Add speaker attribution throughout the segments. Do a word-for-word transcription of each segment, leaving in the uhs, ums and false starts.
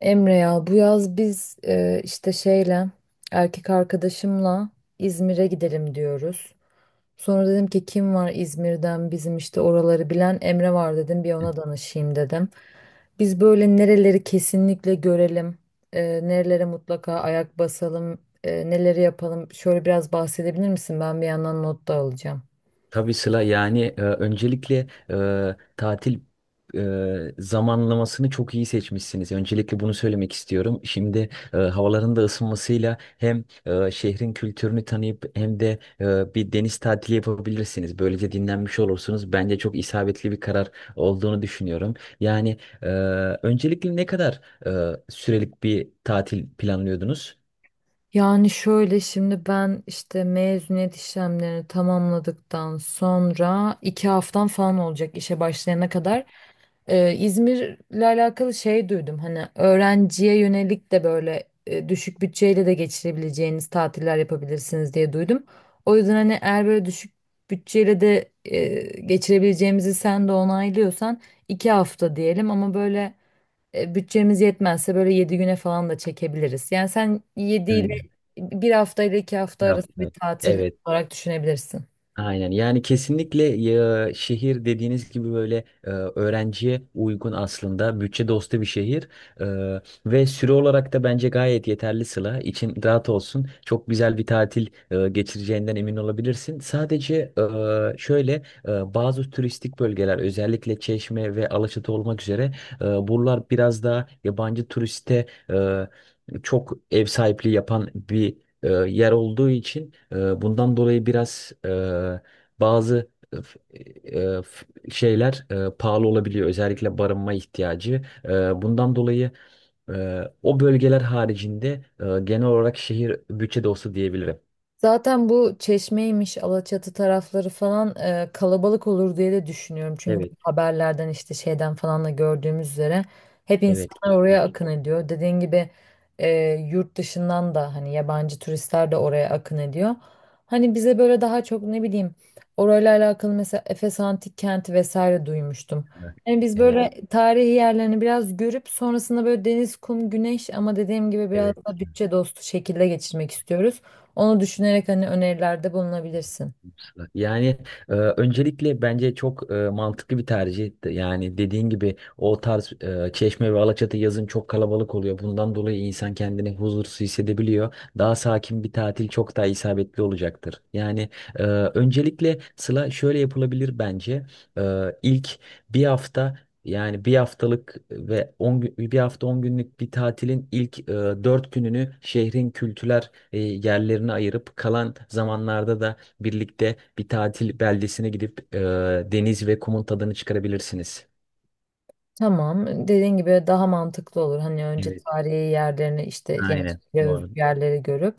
Speaker 1: Emre ya bu yaz biz e, işte şeyle erkek arkadaşımla İzmir'e gidelim diyoruz. Sonra dedim ki kim var İzmir'den bizim işte oraları bilen Emre var dedim bir ona danışayım dedim. Biz böyle nereleri kesinlikle görelim, e, nerelere mutlaka ayak basalım, e, neleri yapalım şöyle biraz bahsedebilir misin? Ben bir yandan not da alacağım.
Speaker 2: Tabii Sıla, yani e, öncelikle e, tatil e, zamanlamasını çok iyi seçmişsiniz. Öncelikle bunu söylemek istiyorum. Şimdi e, havaların da ısınmasıyla hem e, şehrin kültürünü tanıyıp hem de e, bir deniz tatili yapabilirsiniz. Böylece dinlenmiş olursunuz. Bence çok isabetli bir karar olduğunu düşünüyorum. Yani e, öncelikle ne kadar e, sürelik bir tatil planlıyordunuz?
Speaker 1: Yani şöyle şimdi ben işte mezuniyet işlemlerini tamamladıktan sonra iki haftam falan olacak işe başlayana kadar. Ee, İzmir'le alakalı şey duydum hani öğrenciye yönelik de böyle e, düşük bütçeyle de geçirebileceğiniz tatiller yapabilirsiniz diye duydum. O yüzden hani eğer böyle düşük bütçeyle de e, geçirebileceğimizi sen de onaylıyorsan iki hafta diyelim ama böyle e, bütçemiz yetmezse böyle yedi güne falan da çekebiliriz. Yani sen yedi ile
Speaker 2: Aynen.
Speaker 1: bir hafta ile iki hafta
Speaker 2: Bir
Speaker 1: arası bir
Speaker 2: hafta.
Speaker 1: tatil
Speaker 2: Evet.
Speaker 1: olarak düşünebilirsin.
Speaker 2: Aynen, yani kesinlikle ya, şehir dediğiniz gibi böyle e, öğrenciye uygun, aslında bütçe dostu bir şehir. E, ve süre olarak da bence gayet yeterli. Sıla, için rahat olsun, çok güzel bir tatil e, geçireceğinden emin olabilirsin. Sadece e, şöyle e, bazı turistik bölgeler, özellikle Çeşme ve Alaçatı olmak üzere, e, buralar biraz daha yabancı turiste e, çok ev sahipliği yapan bir e, yer olduğu için, e, bundan dolayı biraz e, bazı e, f- e, f- şeyler e, pahalı olabiliyor. Özellikle barınma ihtiyacı. E, bundan dolayı e, o bölgeler haricinde e, genel olarak şehir bütçede olsa diyebilirim.
Speaker 1: Zaten bu Çeşme'ymiş, Alaçatı tarafları falan e, kalabalık olur diye de düşünüyorum. Çünkü bu
Speaker 2: Evet,
Speaker 1: haberlerden işte şeyden falan da gördüğümüz üzere hep
Speaker 2: evet,
Speaker 1: insanlar oraya
Speaker 2: kesinlikle.
Speaker 1: akın ediyor. Dediğin gibi e, yurt dışından da hani yabancı turistler de oraya akın ediyor. Hani bize böyle daha çok ne bileyim orayla alakalı mesela Efes Antik Kenti vesaire duymuştum. Yani biz böyle
Speaker 2: Evet,
Speaker 1: evet, tarihi yerlerini biraz görüp sonrasında böyle deniz, kum, güneş ama dediğim gibi biraz
Speaker 2: evet.
Speaker 1: da bütçe dostu şekilde geçirmek istiyoruz. Onu düşünerek hani önerilerde bulunabilirsin.
Speaker 2: Yani e, öncelikle bence çok e, mantıklı bir tercih. Yani dediğin gibi o tarz, e, Çeşme ve Alaçatı yazın çok kalabalık oluyor. Bundan dolayı insan kendini huzursuz hissedebiliyor. Daha sakin bir tatil çok daha isabetli olacaktır. Yani e, öncelikle Sıla şöyle yapılabilir bence. E, ilk bir hafta, yani bir haftalık ve on gün, bir hafta on günlük bir tatilin ilk e, dört gününü şehrin kültürel e, yerlerine ayırıp, kalan zamanlarda da birlikte bir tatil beldesine gidip e, deniz ve kumun tadını çıkarabilirsiniz.
Speaker 1: Tamam, dediğin gibi daha mantıklı olur. Hani önce
Speaker 2: Evet.
Speaker 1: tarihi yerlerini işte
Speaker 2: Aynen.
Speaker 1: gençliğe özgü
Speaker 2: Doğru.
Speaker 1: yerleri görüp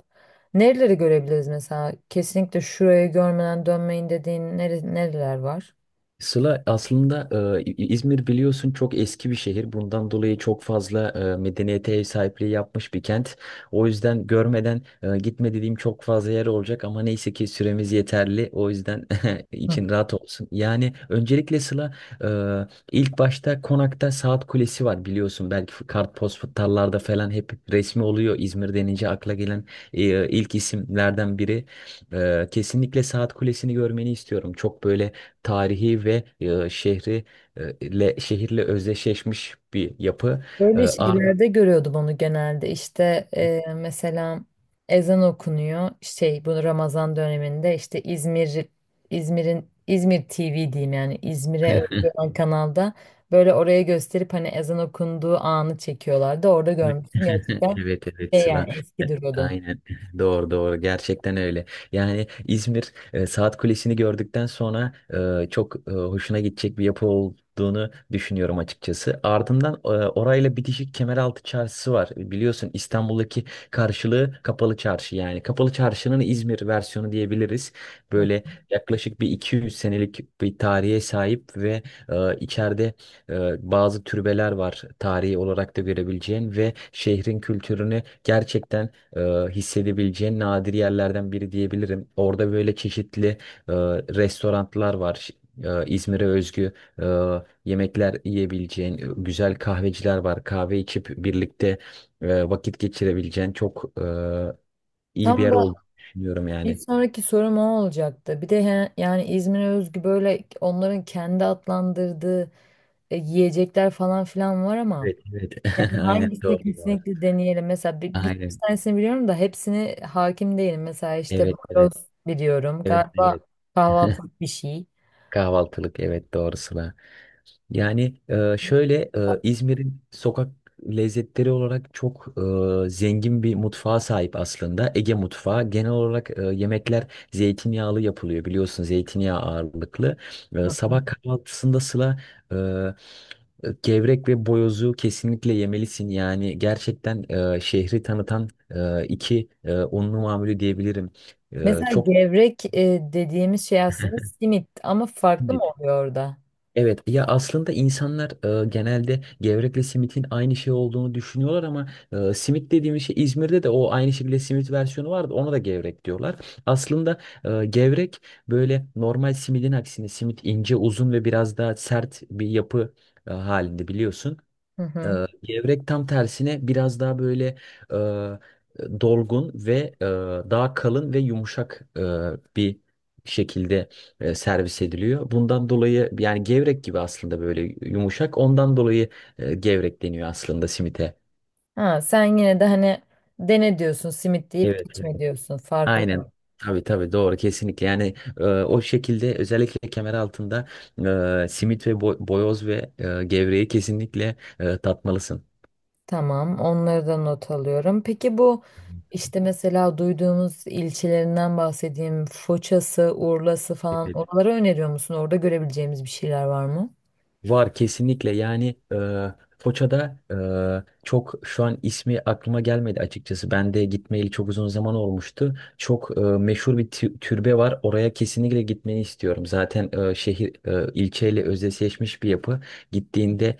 Speaker 1: nereleri görebiliriz mesela? Kesinlikle şurayı görmeden dönmeyin dediğin nere- nereler var?
Speaker 2: Sıla, aslında e, İzmir, biliyorsun, çok eski bir şehir. Bundan dolayı çok fazla e, medeniyete ev sahipliği yapmış bir kent. O yüzden görmeden e, gitme dediğim çok fazla yer olacak, ama neyse ki süremiz yeterli. O yüzden
Speaker 1: Hı.
Speaker 2: için rahat olsun. Yani öncelikle Sıla, e, ilk başta Konak'ta Saat Kulesi var, biliyorsun. Belki kartpostallarda falan hep resmi oluyor. İzmir denince akla gelen e, ilk isimlerden biri. E, kesinlikle Saat Kulesi'ni görmeni istiyorum. Çok böyle tarihi ve e, şehri e, ile şehirle özdeşleşmiş bir yapı. E,
Speaker 1: Böyle
Speaker 2: Ar-
Speaker 1: şeylerde görüyordum onu genelde. İşte e, mesela ezan okunuyor. Şey bu Ramazan döneminde işte İzmir İzmir'in İzmir T V diyeyim yani İzmir'e özgü olan kanalda böyle oraya gösterip hani ezan okunduğu anı çekiyorlardı. Orada
Speaker 2: Evet
Speaker 1: görmüştüm gerçekten
Speaker 2: evet, evet,
Speaker 1: şey
Speaker 2: Sıla.
Speaker 1: yani
Speaker 2: E,
Speaker 1: eski duruyordu.
Speaker 2: Aynen doğru, doğru, gerçekten öyle. Yani İzmir, e, Saat Kulesi'ni gördükten sonra e, çok e, hoşuna gidecek bir yapı olduğunu düşünüyorum açıkçası. Ardından e, orayla bitişik Kemeraltı Çarşısı var. Biliyorsun, İstanbul'daki karşılığı Kapalı Çarşı, yani. Kapalı Çarşı'nın İzmir versiyonu diyebiliriz.
Speaker 1: Hı.
Speaker 2: Böyle yaklaşık bir iki yüz senelik bir tarihe sahip ve e, içeride e, bazı türbeler var, tarihi olarak da görebileceğin ve şehrin kültürünü gerçekten e, hissedebileceğin nadir yerlerden biri diyebilirim. Orada böyle çeşitli e, restoranlar var. Ş- e, İzmir'e özgü e, yemekler yiyebileceğin, e, güzel kahveciler var. Kahve içip birlikte e, vakit geçirebileceğin çok e, iyi bir
Speaker 1: Tam
Speaker 2: yer
Speaker 1: da
Speaker 2: olduğunu düşünüyorum,
Speaker 1: bir
Speaker 2: yani.
Speaker 1: sonraki sorum o olacaktı. Bir de he- yani İzmir'e özgü böyle onların kendi adlandırdığı e, yiyecekler falan filan var ama
Speaker 2: Evet, evet.
Speaker 1: yani
Speaker 2: Aynen,
Speaker 1: hangisini
Speaker 2: doğru, doğru.
Speaker 1: kesinlikle deneyelim. Mesela bir, bir
Speaker 2: Aynen.
Speaker 1: tanesini biliyorum da hepsini hakim değilim. Mesela işte
Speaker 2: Evet, evet.
Speaker 1: baros biliyorum.
Speaker 2: Evet,
Speaker 1: Galiba
Speaker 2: evet.
Speaker 1: kahvaltılık bir şey.
Speaker 2: Kahvaltılık, evet, doğrusuna. Yani e, şöyle e, İzmir'in sokak lezzetleri olarak çok e, zengin bir mutfağa sahip aslında. Ege mutfağı. Genel olarak e, yemekler zeytinyağlı yapılıyor, biliyorsun, zeytinyağı ağırlıklı. E,
Speaker 1: Hı.
Speaker 2: sabah kahvaltısında Sıla, e, gevrek ve boyozu kesinlikle yemelisin. Yani gerçekten e, şehri tanıtan e, iki e, unlu mamulü diyebilirim. E,
Speaker 1: Mesela
Speaker 2: çok
Speaker 1: gevrek e, dediğimiz şey aslında simit ama farklı mı oluyor orada?
Speaker 2: Evet, ya, aslında insanlar e, genelde gevrekle simitin aynı şey olduğunu düşünüyorlar, ama e, simit dediğimiz şey, İzmir'de de o aynı şekilde simit versiyonu vardı, ona da gevrek diyorlar. Aslında e, gevrek, böyle normal simidin aksine, simit ince uzun ve biraz daha sert bir yapı e, halinde, biliyorsun.
Speaker 1: Hı hı.
Speaker 2: Ee, gevrek tam tersine biraz daha böyle e, dolgun ve e, daha kalın ve yumuşak e, bir şekilde e, servis ediliyor. Bundan dolayı yani gevrek gibi, aslında böyle yumuşak. Ondan dolayı e, gevrek deniyor aslında simite.
Speaker 1: Ha, sen yine de hani dene diyorsun simit deyip
Speaker 2: Evet,
Speaker 1: geçme
Speaker 2: evet.
Speaker 1: diyorsun. Farkı
Speaker 2: Aynen.
Speaker 1: var.
Speaker 2: Tabii, tabii, doğru, kesinlikle, yani e, o şekilde, özellikle kemer altında e, simit ve bo- boyoz ve e, gevreği kesinlikle e, tatmalısın.
Speaker 1: Tamam, onları da not alıyorum. Peki bu işte mesela duyduğumuz ilçelerinden bahsedeyim. Foça'sı, Urla'sı falan
Speaker 2: Evet.
Speaker 1: oraları öneriyor musun? Orada görebileceğimiz bir şeyler var mı?
Speaker 2: Var, kesinlikle, yani e, Foça'da e, çok, şu an ismi aklıma gelmedi açıkçası. Ben de gitmeyeli çok uzun zaman olmuştu. Çok e, meşhur bir tü- türbe var. Oraya kesinlikle gitmeni istiyorum. Zaten e, şehir, e, ilçeyle özdeşleşmiş bir yapı. Gittiğinde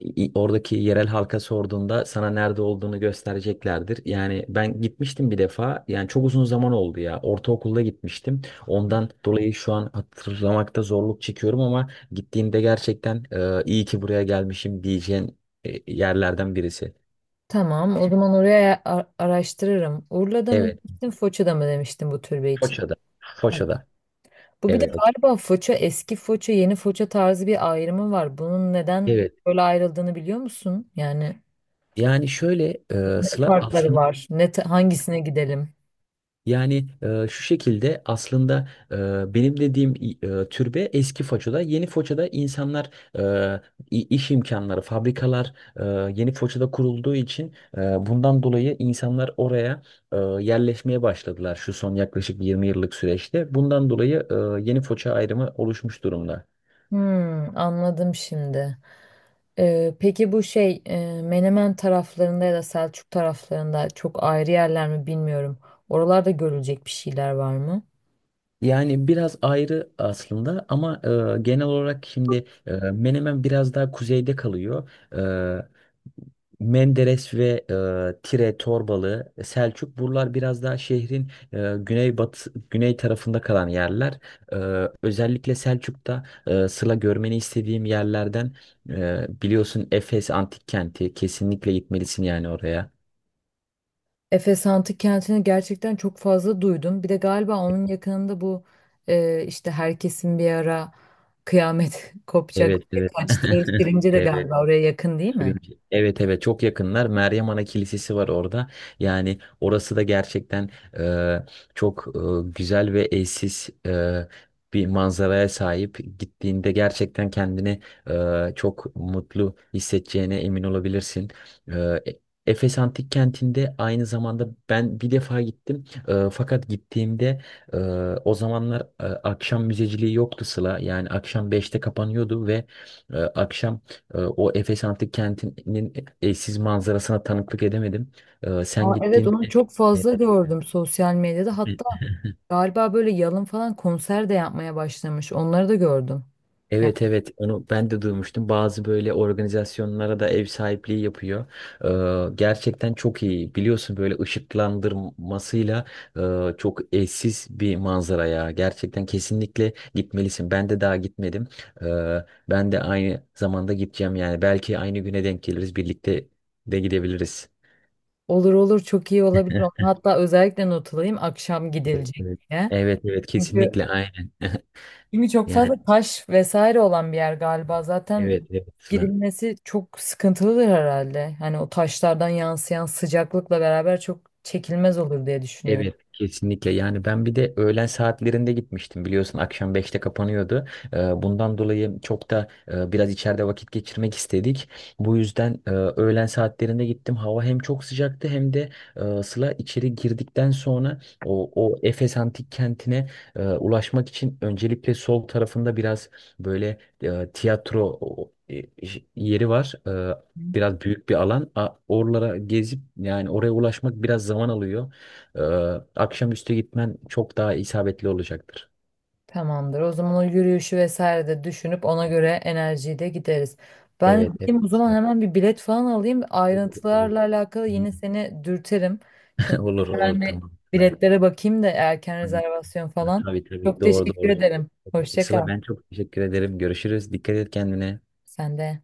Speaker 2: i- oradaki yerel halka sorduğunda sana nerede olduğunu göstereceklerdir. Yani ben gitmiştim bir defa. Yani çok uzun zaman oldu ya. Ortaokulda gitmiştim. Ondan dolayı şu an hatırlamakta zorluk çekiyorum, ama gittiğimde gerçekten e, iyi ki buraya gelmişim diyeceğin e, yerlerden birisi.
Speaker 1: Tamam, o zaman oraya a- araştırırım. Urla'da mı
Speaker 2: Evet.
Speaker 1: demiştin, Foça'da mı demiştin bu türbe için?
Speaker 2: Foça'da. Foça'da.
Speaker 1: Bu bir de
Speaker 2: Evet.
Speaker 1: galiba Foça, eski Foça, yeni Foça tarzı bir ayrımı var. Bunun neden
Speaker 2: Evet.
Speaker 1: böyle ayrıldığını biliyor musun? Yani
Speaker 2: Yani şöyle e,
Speaker 1: ne
Speaker 2: Sıla
Speaker 1: farkları
Speaker 2: aslında
Speaker 1: var? Ne, ta- hangisine gidelim?
Speaker 2: Yani e, şu şekilde aslında, e, benim dediğim e, türbe eski Foça'da. Yeni Foça'da insanlar, e, i- iş imkanları, fabrikalar e, yeni Foça'da kurulduğu için, e, bundan dolayı insanlar oraya e, yerleşmeye başladılar şu son yaklaşık yirmi yıllık süreçte. Bundan dolayı e, yeni Foça ayrımı oluşmuş durumda.
Speaker 1: Hmm, anladım şimdi. Ee, peki bu şey e, Menemen taraflarında ya da Selçuk taraflarında çok ayrı yerler mi bilmiyorum. Oralarda görülecek bir şeyler var mı?
Speaker 2: Yani biraz ayrı aslında, ama e, genel olarak şimdi e, Menemen biraz daha kuzeyde kalıyor. E, Menderes ve e, Tire, Torbalı, Selçuk buralar biraz daha şehrin e, güneybatı, güney tarafında kalan yerler. E, Özellikle Selçuk'ta, e, Sıla, görmeni istediğim yerlerden, e, biliyorsun, Efes Antik Kenti, kesinlikle gitmelisin yani oraya.
Speaker 1: Efes Antik Kenti'ni gerçekten çok fazla duydum. Bir de galiba onun yakınında bu e, işte herkesin bir ara kıyamet kopacak
Speaker 2: Evet,
Speaker 1: diye
Speaker 2: evet.
Speaker 1: kaçtığı Şirince de
Speaker 2: Evet.
Speaker 1: galiba oraya yakın değil mi?
Speaker 2: Cringe. Evet, evet, çok yakınlar. Meryem Ana Kilisesi var orada. Yani orası da gerçekten e, çok e, güzel ve eşsiz e, bir manzaraya sahip. Gittiğinde gerçekten kendini e, çok mutlu hissedeceğine emin olabilirsin. E, E- Efes Antik Kenti'nde aynı zamanda ben bir defa gittim. E, fakat gittiğimde e, o zamanlar e, akşam müzeciliği yoktu, Sıla. Yani akşam beşte kapanıyordu ve e, akşam ee, o Efes Antik Kenti'nin eşsiz manzarasına tanıklık edemedim. Ee, Sen
Speaker 1: Aa, evet onu
Speaker 2: gittiğinde
Speaker 1: çok
Speaker 2: e, e,
Speaker 1: fazla gördüm sosyal medyada. Hatta galiba böyle yalın falan konser de yapmaya başlamış. Onları da gördüm.
Speaker 2: Evet, evet, onu ben de duymuştum. Bazı böyle organizasyonlara da ev sahipliği yapıyor. Ee, gerçekten çok iyi. Biliyorsun, böyle ışıklandırmasıyla e, çok eşsiz bir manzara ya. Gerçekten kesinlikle gitmelisin. Ben de daha gitmedim. Ee, ben de aynı zamanda gideceğim yani. Belki aynı güne denk geliriz. Birlikte de gidebiliriz.
Speaker 1: Olur olur, çok iyi olabilir. Onu hatta özellikle not alayım akşam
Speaker 2: Evet,
Speaker 1: gidilecek
Speaker 2: evet.
Speaker 1: diye.
Speaker 2: Evet, evet,
Speaker 1: Çünkü,
Speaker 2: kesinlikle, aynen.
Speaker 1: çünkü çok
Speaker 2: Yani
Speaker 1: fazla taş vesaire olan bir yer galiba. Zaten
Speaker 2: evet, evet, Sıla.
Speaker 1: gidilmesi çok sıkıntılıdır herhalde. Hani o taşlardan yansıyan sıcaklıkla beraber çok çekilmez olur diye düşünüyorum.
Speaker 2: Evet, kesinlikle, yani ben bir de öğlen saatlerinde gitmiştim, biliyorsun, akşam beşte kapanıyordu. Ee, bundan dolayı çok da e, biraz içeride vakit geçirmek istedik, bu yüzden e, öğlen saatlerinde gittim, hava hem çok sıcaktı, hem de e, Sıla, içeri girdikten sonra o, o Efes Antik Kenti'ne e, ulaşmak için, öncelikle sol tarafında biraz böyle e, tiyatro o- e, yeri var. E, Biraz büyük bir alan. A- Oralara gezip, yani oraya ulaşmak biraz zaman alıyor. Ee, Akşamüstü gitmen çok daha isabetli olacaktır.
Speaker 1: Tamamdır. O zaman o yürüyüşü vesaire de düşünüp ona göre enerjiyi de gideriz. Ben
Speaker 2: Evet, evet.
Speaker 1: gideyim o zaman hemen bir bilet falan alayım.
Speaker 2: Olur, olur.
Speaker 1: Ayrıntılarla alakalı yine seni dürterim. Şimdi
Speaker 2: Olur,
Speaker 1: hemen
Speaker 2: olur,
Speaker 1: bir
Speaker 2: tamam, Sıla.
Speaker 1: biletlere bakayım da erken
Speaker 2: Hmm.
Speaker 1: rezervasyon falan.
Speaker 2: Tabii, tabii,
Speaker 1: Çok
Speaker 2: doğru,
Speaker 1: teşekkür
Speaker 2: doğru.
Speaker 1: ederim. Hoşça
Speaker 2: Sıla,
Speaker 1: kal.
Speaker 2: ben çok teşekkür ederim. Görüşürüz. Dikkat et kendine.
Speaker 1: Sen de.